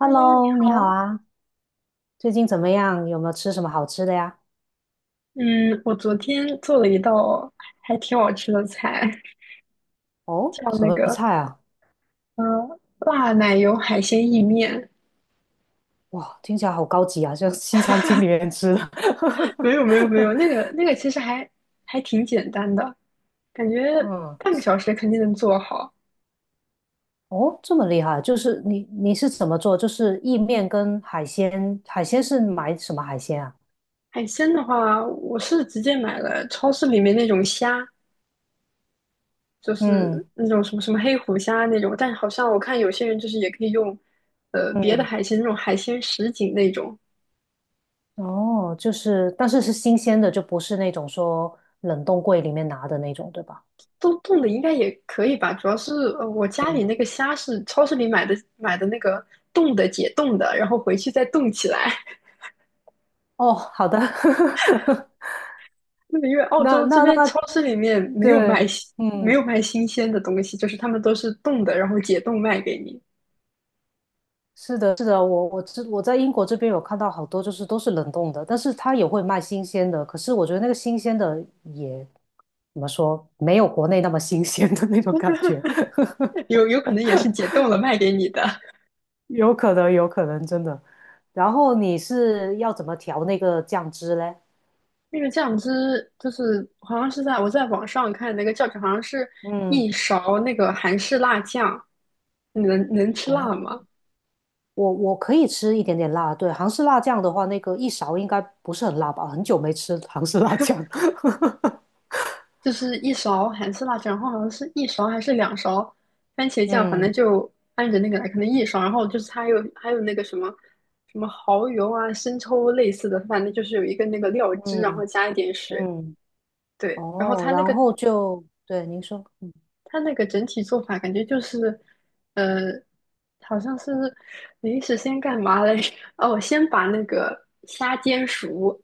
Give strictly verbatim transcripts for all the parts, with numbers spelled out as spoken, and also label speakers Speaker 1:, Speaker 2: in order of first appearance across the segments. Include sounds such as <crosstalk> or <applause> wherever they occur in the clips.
Speaker 1: Hello，你
Speaker 2: 你好啊，最近怎么样？有没有吃什么好吃的呀？
Speaker 1: 嗯，我昨天做了一道还挺好吃的菜，
Speaker 2: 哦，
Speaker 1: 叫
Speaker 2: 什
Speaker 1: 那
Speaker 2: 么
Speaker 1: 个
Speaker 2: 菜啊？
Speaker 1: 呃辣奶油海鲜意面。
Speaker 2: 哇，听起来好高级啊，像西餐厅里面吃的。
Speaker 1: 没有没有没
Speaker 2: <laughs>
Speaker 1: 有，那个那个其实还还挺简单的，感觉
Speaker 2: 嗯，
Speaker 1: 半个小时肯定能做好。
Speaker 2: 哦，这么厉害，就是你你是怎么做？就是意面跟海鲜，海鲜是买什么海鲜啊？
Speaker 1: 海鲜的话，我是直接买了超市里面那种虾，就是
Speaker 2: 嗯
Speaker 1: 那种什么什么黑虎虾那种，但好像我看有些人就是也可以用呃别的
Speaker 2: 嗯，
Speaker 1: 海鲜那种海鲜什锦那种。
Speaker 2: 哦，就是但是是新鲜的，就不是那种说冷冻柜里面拿的那种，对吧？
Speaker 1: 冻冻的应该也可以吧，主要是呃我家
Speaker 2: 嗯，
Speaker 1: 里那个虾是超市里买的买的那个冻的解冻的，然后回去再冻起来。<laughs>
Speaker 2: 哦，好的，
Speaker 1: 那个因为
Speaker 2: <laughs>
Speaker 1: 澳
Speaker 2: 那
Speaker 1: 洲这
Speaker 2: 那
Speaker 1: 边
Speaker 2: 那
Speaker 1: 超市里面没有卖
Speaker 2: 对，
Speaker 1: 新没
Speaker 2: 嗯。
Speaker 1: 有卖新鲜的东西，就是他们都是冻的，然后解冻卖给你。
Speaker 2: 是的，是的，我我知我在英国这边有看到好多，就是都是冷冻的，但是它也会卖新鲜的。可是我觉得那个新鲜的也怎么说，没有国内那么新鲜的那种感觉，<laughs>
Speaker 1: <laughs> 有有可能也是解冻了卖给你的。
Speaker 2: 有可能，有可能真的。然后你是要怎么调那个酱汁嘞？
Speaker 1: 那个酱汁就是好像是在我在网上看那个教程，好像是
Speaker 2: 嗯，
Speaker 1: 一勺那个韩式辣酱，你能能吃辣
Speaker 2: 哦，
Speaker 1: 吗？
Speaker 2: 我我可以吃一点点辣，对，韩式辣酱的话，那个一勺应该不是很辣吧？很久没吃韩式辣酱。<laughs>
Speaker 1: 就是一勺韩式辣酱，然后好像是一勺还是两勺番茄酱，反正
Speaker 2: 嗯
Speaker 1: 就按着那个来，可能一勺，然后就是它还有还有那个什么什么蚝油啊、生抽类似的，反正就是有一个那个料汁，然后
Speaker 2: 嗯
Speaker 1: 加一点水，
Speaker 2: 嗯。
Speaker 1: 对，然后
Speaker 2: 哦，
Speaker 1: 它那
Speaker 2: 然
Speaker 1: 个
Speaker 2: 后就，对，您说，
Speaker 1: 它那个整体做法感觉就是，呃，好像是临时先干嘛来着？<laughs> 哦，先把那个虾煎熟，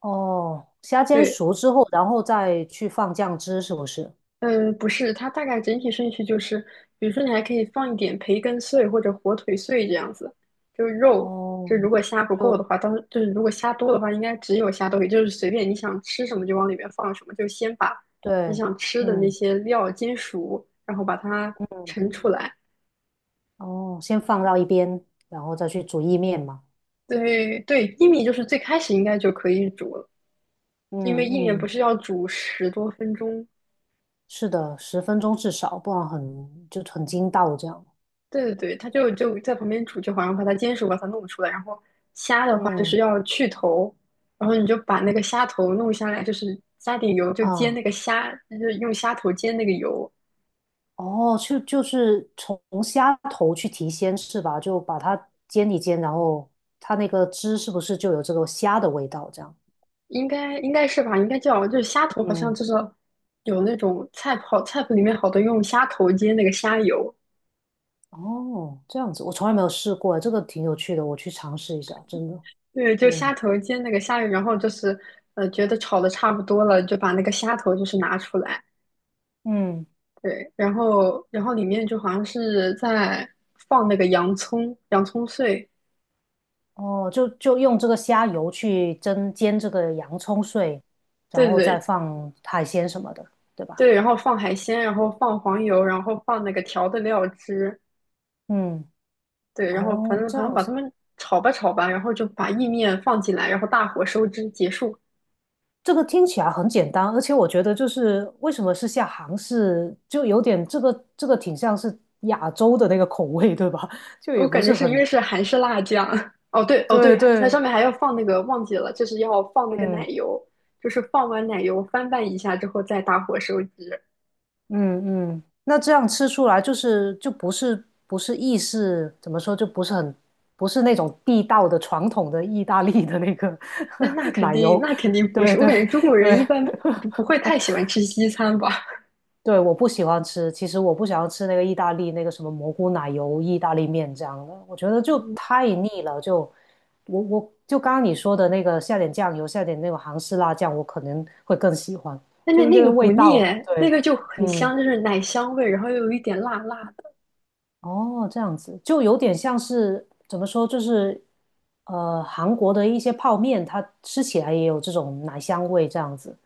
Speaker 2: 哦，虾煎
Speaker 1: 对，
Speaker 2: 熟之后，然后再去放酱汁，是不是？
Speaker 1: 嗯，不是，它大概整体顺序就是，比如说你还可以放一点培根碎或者火腿碎这样子，就是肉。
Speaker 2: 哦，
Speaker 1: 就如果虾不够的
Speaker 2: 就
Speaker 1: 话，当就是如果虾多的话，应该只有虾豆腐，就是随便你想吃什么就往里面放什么，就先把你
Speaker 2: 对，
Speaker 1: 想吃的那
Speaker 2: 嗯
Speaker 1: 些料煎熟，然后把它
Speaker 2: 嗯，
Speaker 1: 盛出来。
Speaker 2: 哦，先放到一边，然后再去煮意面嘛。
Speaker 1: 对对，薏米就是最开始应该就可以煮了，
Speaker 2: 嗯
Speaker 1: 因为薏米不
Speaker 2: 嗯，
Speaker 1: 是要煮十多分钟。
Speaker 2: 是的，十分钟至少，不然很就很筋道这样。
Speaker 1: 对对对，他就就在旁边煮就好，像把它煎熟，把它弄出来。然后虾的话就是
Speaker 2: 嗯
Speaker 1: 要去头，然后你就把那个虾头弄下来，就是加点油，就煎
Speaker 2: 啊，
Speaker 1: 那个虾，就是用虾头煎那个油，
Speaker 2: 哦，就就是从虾头去提鲜是吧？就把它煎一煎，然后它那个汁是不是就有这个虾的味道这样？
Speaker 1: 应该应该是吧？应该叫就是虾头，好像
Speaker 2: 嗯
Speaker 1: 就是有那种菜谱好菜谱里面好多用虾头煎那个虾油，
Speaker 2: 哦，这样子，我从来没有试过，这个挺有趣的，我去尝试一下，真的。
Speaker 1: 对，就虾
Speaker 2: 嗯
Speaker 1: 头煎那个虾油，然后就是呃觉得炒的差不多了，就把那个虾头就是拿出来。
Speaker 2: 嗯，
Speaker 1: 对，然后然后里面就好像是在放那个洋葱、洋葱碎，
Speaker 2: 哦，就就用这个虾油去蒸煎这个洋葱碎，然
Speaker 1: 对
Speaker 2: 后
Speaker 1: 对
Speaker 2: 再
Speaker 1: 对
Speaker 2: 放海鲜什么的，对吧？
Speaker 1: 对，然后放海鲜，然后放黄油，然后放那个调的料汁，
Speaker 2: 嗯，
Speaker 1: 对，然后反
Speaker 2: 哦，
Speaker 1: 正
Speaker 2: 这
Speaker 1: 反正
Speaker 2: 样
Speaker 1: 把它
Speaker 2: 子，
Speaker 1: 们炒吧炒吧，然后就把意面放进来，然后大火收汁结束。
Speaker 2: 这个听起来很简单，而且我觉得就是为什么是下杭式，就有点这个这个挺像是亚洲的那个口味，对吧？<laughs> 就也
Speaker 1: 我
Speaker 2: 不
Speaker 1: 感觉
Speaker 2: 是
Speaker 1: 是因为
Speaker 2: 很，
Speaker 1: 是韩式辣酱，<laughs> 哦对哦
Speaker 2: 对
Speaker 1: 对，它上
Speaker 2: 对，
Speaker 1: 面还要放那个忘记了，就是要放那个奶
Speaker 2: 嗯
Speaker 1: 油，就是放完奶油翻拌一下之后再大火收汁。
Speaker 2: 嗯嗯，那这样吃出来就是就不是不是意式，怎么说就不是很不是那种地道的传统的意大利的那个
Speaker 1: 那那
Speaker 2: <laughs>
Speaker 1: 肯
Speaker 2: 奶
Speaker 1: 定，
Speaker 2: 油，
Speaker 1: 那肯定不
Speaker 2: 对
Speaker 1: 是。我
Speaker 2: 对
Speaker 1: 感觉中国
Speaker 2: 对
Speaker 1: 人一般不不会太喜欢吃西餐吧？
Speaker 2: 对，我不喜欢吃，其实我不想要吃那个意大利那个什么蘑菇奶油意大利面这样的，我觉得就
Speaker 1: 嗯，
Speaker 2: 太腻了，就我我就刚刚你说的那个下点酱油，下点那种韩式辣酱，我可能会更喜欢，
Speaker 1: <laughs> 那那
Speaker 2: 就一
Speaker 1: 那个
Speaker 2: 个味
Speaker 1: 不腻，
Speaker 2: 道，
Speaker 1: 那
Speaker 2: 对，
Speaker 1: 个就很
Speaker 2: 嗯。
Speaker 1: 香，就是奶香味，然后又有一点辣辣的。
Speaker 2: 哦，这样子就有点像是怎么说，就是呃，韩国的一些泡面，它吃起来也有这种奶香味，这样子。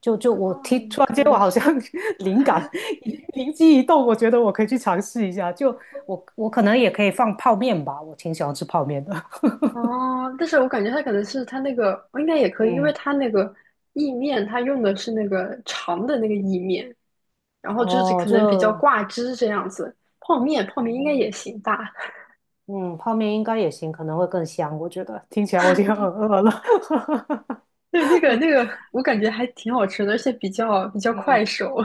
Speaker 2: 就就我提，
Speaker 1: 哦，
Speaker 2: 突然
Speaker 1: 可
Speaker 2: 间我
Speaker 1: 能
Speaker 2: 好像
Speaker 1: 是，
Speaker 2: <laughs> 灵感 <laughs> 灵机一动，我觉得我可以去尝试一下。就我我可能也可以放泡面吧，我挺喜欢吃泡面的。<laughs>
Speaker 1: 哦，但是我感觉它可能是它那个，应该也可以，因为
Speaker 2: 嗯，
Speaker 1: 它那个意面，它用的是那个长的那个意面，然后就是
Speaker 2: 哦，
Speaker 1: 可能比较
Speaker 2: 就
Speaker 1: 挂汁这样子。泡面，泡面应该
Speaker 2: 哦，
Speaker 1: 也行吧？
Speaker 2: 嗯，泡面应该也行，可能会更香，我觉得。听起来我已经很饿了。
Speaker 1: <laughs> 对，那个那
Speaker 2: <laughs>
Speaker 1: 个，我感觉还挺好吃的，而且比较比较快
Speaker 2: 嗯。
Speaker 1: 手。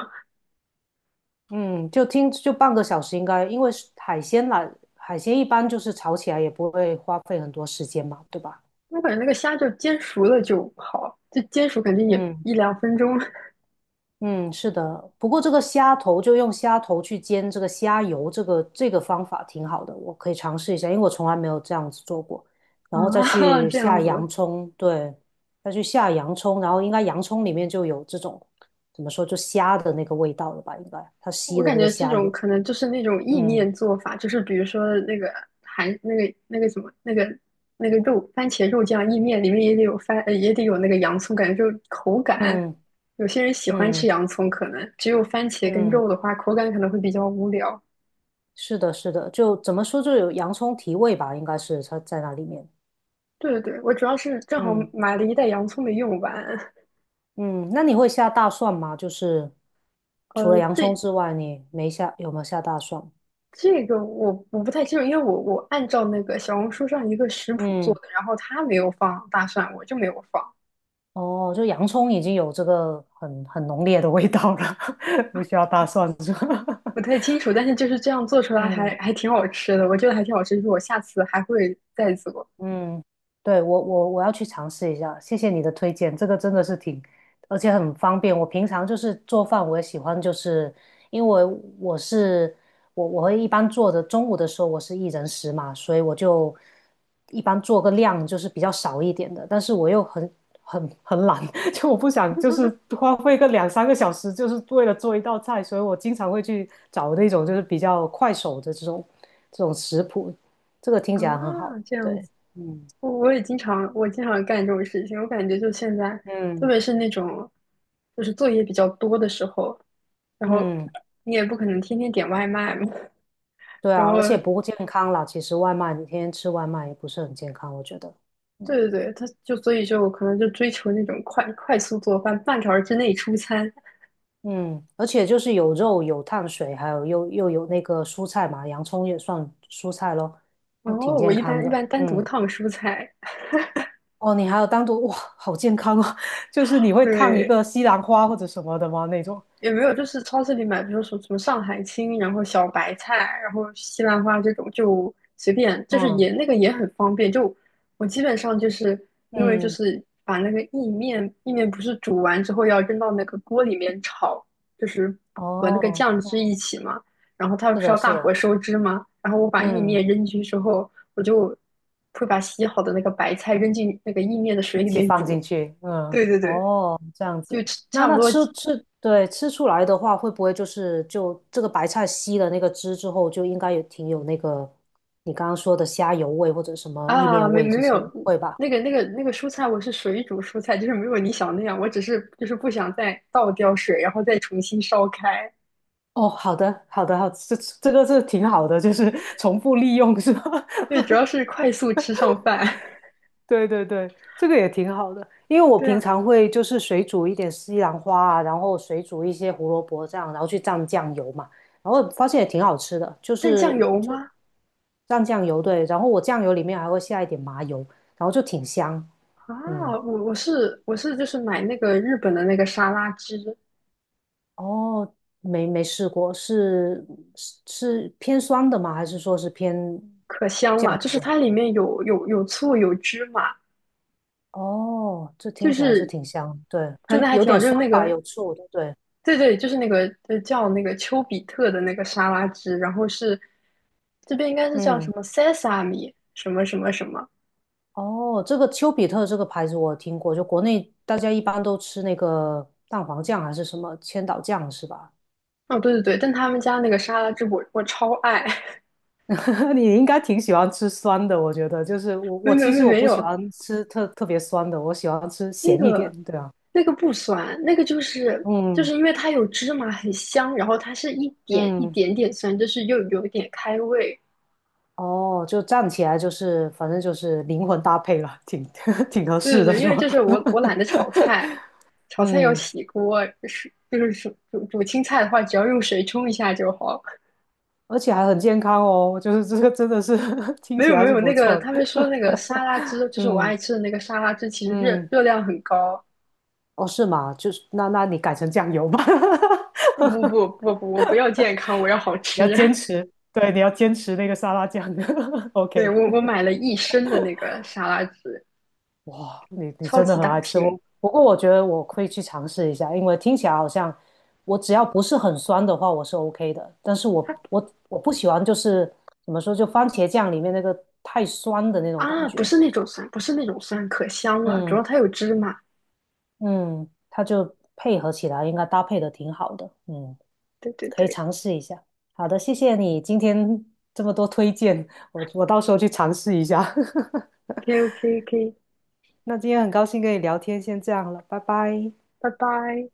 Speaker 2: 嗯，就听就半个小时应该，因为是海鲜啦，海鲜一般就是炒起来也不会花费很多时间嘛，对吧？
Speaker 1: 我感觉那个虾就煎熟了就好，就煎熟肯定也
Speaker 2: 嗯
Speaker 1: 一两分钟 <laughs>
Speaker 2: 嗯，是的。不过这个虾头就用虾头去煎这个虾油，这个这个方法挺好的，我可以尝试一下，因为我从来没有这样子做过。然后再
Speaker 1: 啊，
Speaker 2: 去
Speaker 1: 这样
Speaker 2: 下
Speaker 1: 子。
Speaker 2: 洋葱，对，再去下洋葱，然后应该洋葱里面就有这种怎么说，就虾的那个味道了吧？应该它吸
Speaker 1: 我
Speaker 2: 的
Speaker 1: 感
Speaker 2: 那个
Speaker 1: 觉这
Speaker 2: 虾
Speaker 1: 种
Speaker 2: 油。
Speaker 1: 可能就是那种意
Speaker 2: 嗯
Speaker 1: 面做法，就是比如说那个韩那个那个什么那个那个肉番茄肉酱意面里面也得有番呃也得有那个洋葱，感觉就口感。
Speaker 2: 嗯
Speaker 1: 有些人喜欢吃
Speaker 2: 嗯
Speaker 1: 洋葱，可能只有番茄跟
Speaker 2: 嗯。
Speaker 1: 肉的话，口感可能会比较无聊。
Speaker 2: 是的，是的，就怎么说，就有洋葱提味吧，应该是它在那里面。
Speaker 1: 对对对，我主要是正好
Speaker 2: 嗯
Speaker 1: 买了一袋洋葱没用完。
Speaker 2: 嗯，那你会下大蒜吗？就是除了
Speaker 1: 呃，
Speaker 2: 洋葱
Speaker 1: 这
Speaker 2: 之外，你没下，有没有下大蒜？
Speaker 1: 这个我我不太清楚，因为我我按照那个小红书上一个食谱做
Speaker 2: 嗯，
Speaker 1: 的，然后他没有放大蒜，我就没有放，
Speaker 2: 哦，就洋葱已经有这个很很浓烈的味道了，<laughs> 不需要大蒜是吧？<laughs>
Speaker 1: 不太清楚。但是就是这样做出来
Speaker 2: 嗯
Speaker 1: 还还挺好吃的，我觉得还挺好吃，就是我下次还会再做
Speaker 2: 嗯，对，我我我要去尝试一下，谢谢你的推荐，这个真的是挺，而且很方便。我平常就是做饭，我也喜欢，就是因为我是我我会一般做的，中午的时候我是一人食嘛，所以我就一般做个量就是比较少一点的，但是我又很很很懒，<laughs> 就我不想就是花费个两三个小时，就是为了做一道菜，所以我经常会去找那种就是比较快手的这种这种食谱，这个听
Speaker 1: 啊。
Speaker 2: 起来很好，
Speaker 1: 这样
Speaker 2: 对。
Speaker 1: 子，
Speaker 2: 嗯
Speaker 1: 我我也经常我经常干这种事情，我感觉就现在，特
Speaker 2: 嗯
Speaker 1: 别是那种就是作业比较多的时候，然后
Speaker 2: 嗯，
Speaker 1: 你也不可能天天点外卖嘛，
Speaker 2: 对
Speaker 1: 然
Speaker 2: 啊，而且
Speaker 1: 后
Speaker 2: 不健康啦。其实外卖，你天天吃外卖也不是很健康，我觉得。
Speaker 1: 对
Speaker 2: 嗯，
Speaker 1: 对对，他就所以就可能就追求那种快快速做饭，半个小时之内出餐。
Speaker 2: 嗯，而且就是有肉、有碳水，还有又又有那个蔬菜嘛，洋葱也算蔬菜咯，
Speaker 1: 然
Speaker 2: 那挺
Speaker 1: 后我
Speaker 2: 健
Speaker 1: 一
Speaker 2: 康
Speaker 1: 般一
Speaker 2: 的。
Speaker 1: 般单独
Speaker 2: 嗯，
Speaker 1: 烫蔬菜，
Speaker 2: 哦，你还有单独，哇，好健康哦，<laughs> 就是你会烫一
Speaker 1: 对，
Speaker 2: 个西兰花或者什么的吗？那种。
Speaker 1: 也没有，就是超市里买，比如说什么上海青，然后小白菜，然后西兰花这种，就随便，就是
Speaker 2: 嗯
Speaker 1: 也那个也很方便。就我基本上就是因为就
Speaker 2: 嗯，
Speaker 1: 是把那个意面，意面不是煮完之后要扔到那个锅里面炒，就是和那个
Speaker 2: 哦，
Speaker 1: 酱汁一起嘛，然后它不
Speaker 2: 是
Speaker 1: 是
Speaker 2: 的，
Speaker 1: 要
Speaker 2: 是
Speaker 1: 大火
Speaker 2: 的，
Speaker 1: 收汁嘛，然后我把意
Speaker 2: 嗯。
Speaker 1: 面扔进去之后，我就会把洗好的那个白菜扔进那个意面的
Speaker 2: 一
Speaker 1: 水里
Speaker 2: 起
Speaker 1: 面
Speaker 2: 放
Speaker 1: 煮。
Speaker 2: 进去，嗯，
Speaker 1: 对对对，
Speaker 2: 哦，这样
Speaker 1: 就
Speaker 2: 子。那
Speaker 1: 差不
Speaker 2: 那
Speaker 1: 多
Speaker 2: 吃吃，对，吃出来的话，会不会就是就这个白菜吸了那个汁之后，就应该也挺有那个你刚刚说的虾油味或者什么意
Speaker 1: 啊，
Speaker 2: 面
Speaker 1: 没
Speaker 2: 味
Speaker 1: 没
Speaker 2: 这
Speaker 1: 没
Speaker 2: 些，
Speaker 1: 有，
Speaker 2: 会吧？
Speaker 1: 那个那个那个蔬菜，我是水煮蔬菜，就是没有你想那样，我只是就是不想再倒掉水，然后再重新烧开。
Speaker 2: 哦，好的，好的，好，这这个是挺好的，就是重复利用是吧？<laughs>
Speaker 1: 对，主要是快速吃上饭。
Speaker 2: 对对对，这个也挺好的，因为
Speaker 1: <laughs>
Speaker 2: 我
Speaker 1: 对
Speaker 2: 平
Speaker 1: 啊，
Speaker 2: 常会就是水煮一点西兰花啊，然后水煮一些胡萝卜这样，然后去蘸酱油嘛，然后发现也挺好吃的，就
Speaker 1: 蘸酱
Speaker 2: 是
Speaker 1: 油
Speaker 2: 就
Speaker 1: 吗？
Speaker 2: 蘸酱油，对，然后我酱油里面还会下一点麻油，然后就挺香，
Speaker 1: 啊，
Speaker 2: 嗯，
Speaker 1: 我我是我是就是买那个日本的那个沙拉汁，
Speaker 2: 哦，没没试过，是是是偏酸的吗？还是说是偏
Speaker 1: 可香了，
Speaker 2: 酱
Speaker 1: 就
Speaker 2: 油
Speaker 1: 是
Speaker 2: 味？
Speaker 1: 它里面有有有醋有芝麻，
Speaker 2: 哦，这听
Speaker 1: 就
Speaker 2: 起来是
Speaker 1: 是
Speaker 2: 挺香的，对，
Speaker 1: 反
Speaker 2: 就
Speaker 1: 正还
Speaker 2: 有
Speaker 1: 挺好，
Speaker 2: 点
Speaker 1: 就
Speaker 2: 酸
Speaker 1: 是那
Speaker 2: 吧，
Speaker 1: 个。
Speaker 2: 有醋，对不对？
Speaker 1: 对对，就是那个呃叫那个丘比特的那个沙拉汁，然后是这边应该是叫什
Speaker 2: 嗯。
Speaker 1: 么 sesame 什么什么什么。
Speaker 2: 哦，这个丘比特这个牌子我听过，就国内大家一般都吃那个蛋黄酱还是什么千岛酱是吧？
Speaker 1: 哦，对对对，但他们家那个沙拉汁我我超爱，
Speaker 2: <laughs> 你应该挺喜欢吃酸的，我觉得就是我
Speaker 1: <laughs> 没
Speaker 2: 我
Speaker 1: 没
Speaker 2: 其
Speaker 1: 没
Speaker 2: 实我
Speaker 1: 没
Speaker 2: 不喜
Speaker 1: 有
Speaker 2: 欢吃特特别酸的，我喜欢吃
Speaker 1: 那
Speaker 2: 咸一点，
Speaker 1: 个
Speaker 2: 对啊，
Speaker 1: 那个不酸，那个就是就是
Speaker 2: 嗯
Speaker 1: 因为它有芝麻很香，然后它是一点一
Speaker 2: 嗯，
Speaker 1: 点点酸，就是又有一点开胃。
Speaker 2: 哦，就站起来就是反正就是灵魂搭配了，挺 <laughs> 挺合
Speaker 1: 对对
Speaker 2: 适的
Speaker 1: 对，因
Speaker 2: 是
Speaker 1: 为
Speaker 2: 吧？
Speaker 1: 就是我我懒得
Speaker 2: <laughs>
Speaker 1: 炒菜，炒菜要
Speaker 2: 嗯，
Speaker 1: 洗锅，是就是煮煮煮青菜的话，只要用水冲一下就好。
Speaker 2: 而且还很健康哦，就是这个真的是 <laughs> 听
Speaker 1: 没
Speaker 2: 起
Speaker 1: 有没
Speaker 2: 来是
Speaker 1: 有，那
Speaker 2: 不
Speaker 1: 个
Speaker 2: 错的，
Speaker 1: 他们说那个沙拉汁，就是我
Speaker 2: 嗯
Speaker 1: 爱吃的那个沙拉汁，其实热
Speaker 2: 嗯。
Speaker 1: 热量很高。
Speaker 2: 哦，是吗？就是那那你改成酱油吧，
Speaker 1: 不不不
Speaker 2: <laughs>
Speaker 1: 不不，我不要健康，我要好
Speaker 2: 你要
Speaker 1: 吃。
Speaker 2: 坚
Speaker 1: <laughs>
Speaker 2: 持，对，你要坚持那个沙拉酱。<laughs>
Speaker 1: 对，
Speaker 2: OK，
Speaker 1: 我我买了一升的那个沙拉汁，
Speaker 2: 哇，你你
Speaker 1: 超
Speaker 2: 真的
Speaker 1: 级
Speaker 2: 很
Speaker 1: 大
Speaker 2: 爱吃
Speaker 1: 瓶。
Speaker 2: 我。不过我觉得我会去尝试一下，因为听起来好像我只要不是很酸的话，我是 OK 的。但是我
Speaker 1: 它
Speaker 2: 我我不喜欢就是怎么说，就番茄酱里面那个太酸的那种感
Speaker 1: 啊，不
Speaker 2: 觉。
Speaker 1: 是那种酸，不是那种酸，可香了，主
Speaker 2: 嗯
Speaker 1: 要它有芝麻。
Speaker 2: 嗯，它就配合起来应该搭配的挺好的。嗯。
Speaker 1: 对对
Speaker 2: 可以
Speaker 1: 对
Speaker 2: 尝试一下。好的，谢谢你今天这么多推荐，我我到时候去尝试一下。<laughs>
Speaker 1: ，OK OK OK,
Speaker 2: 那今天很高兴跟你聊天，先这样了，拜拜。
Speaker 1: 拜拜。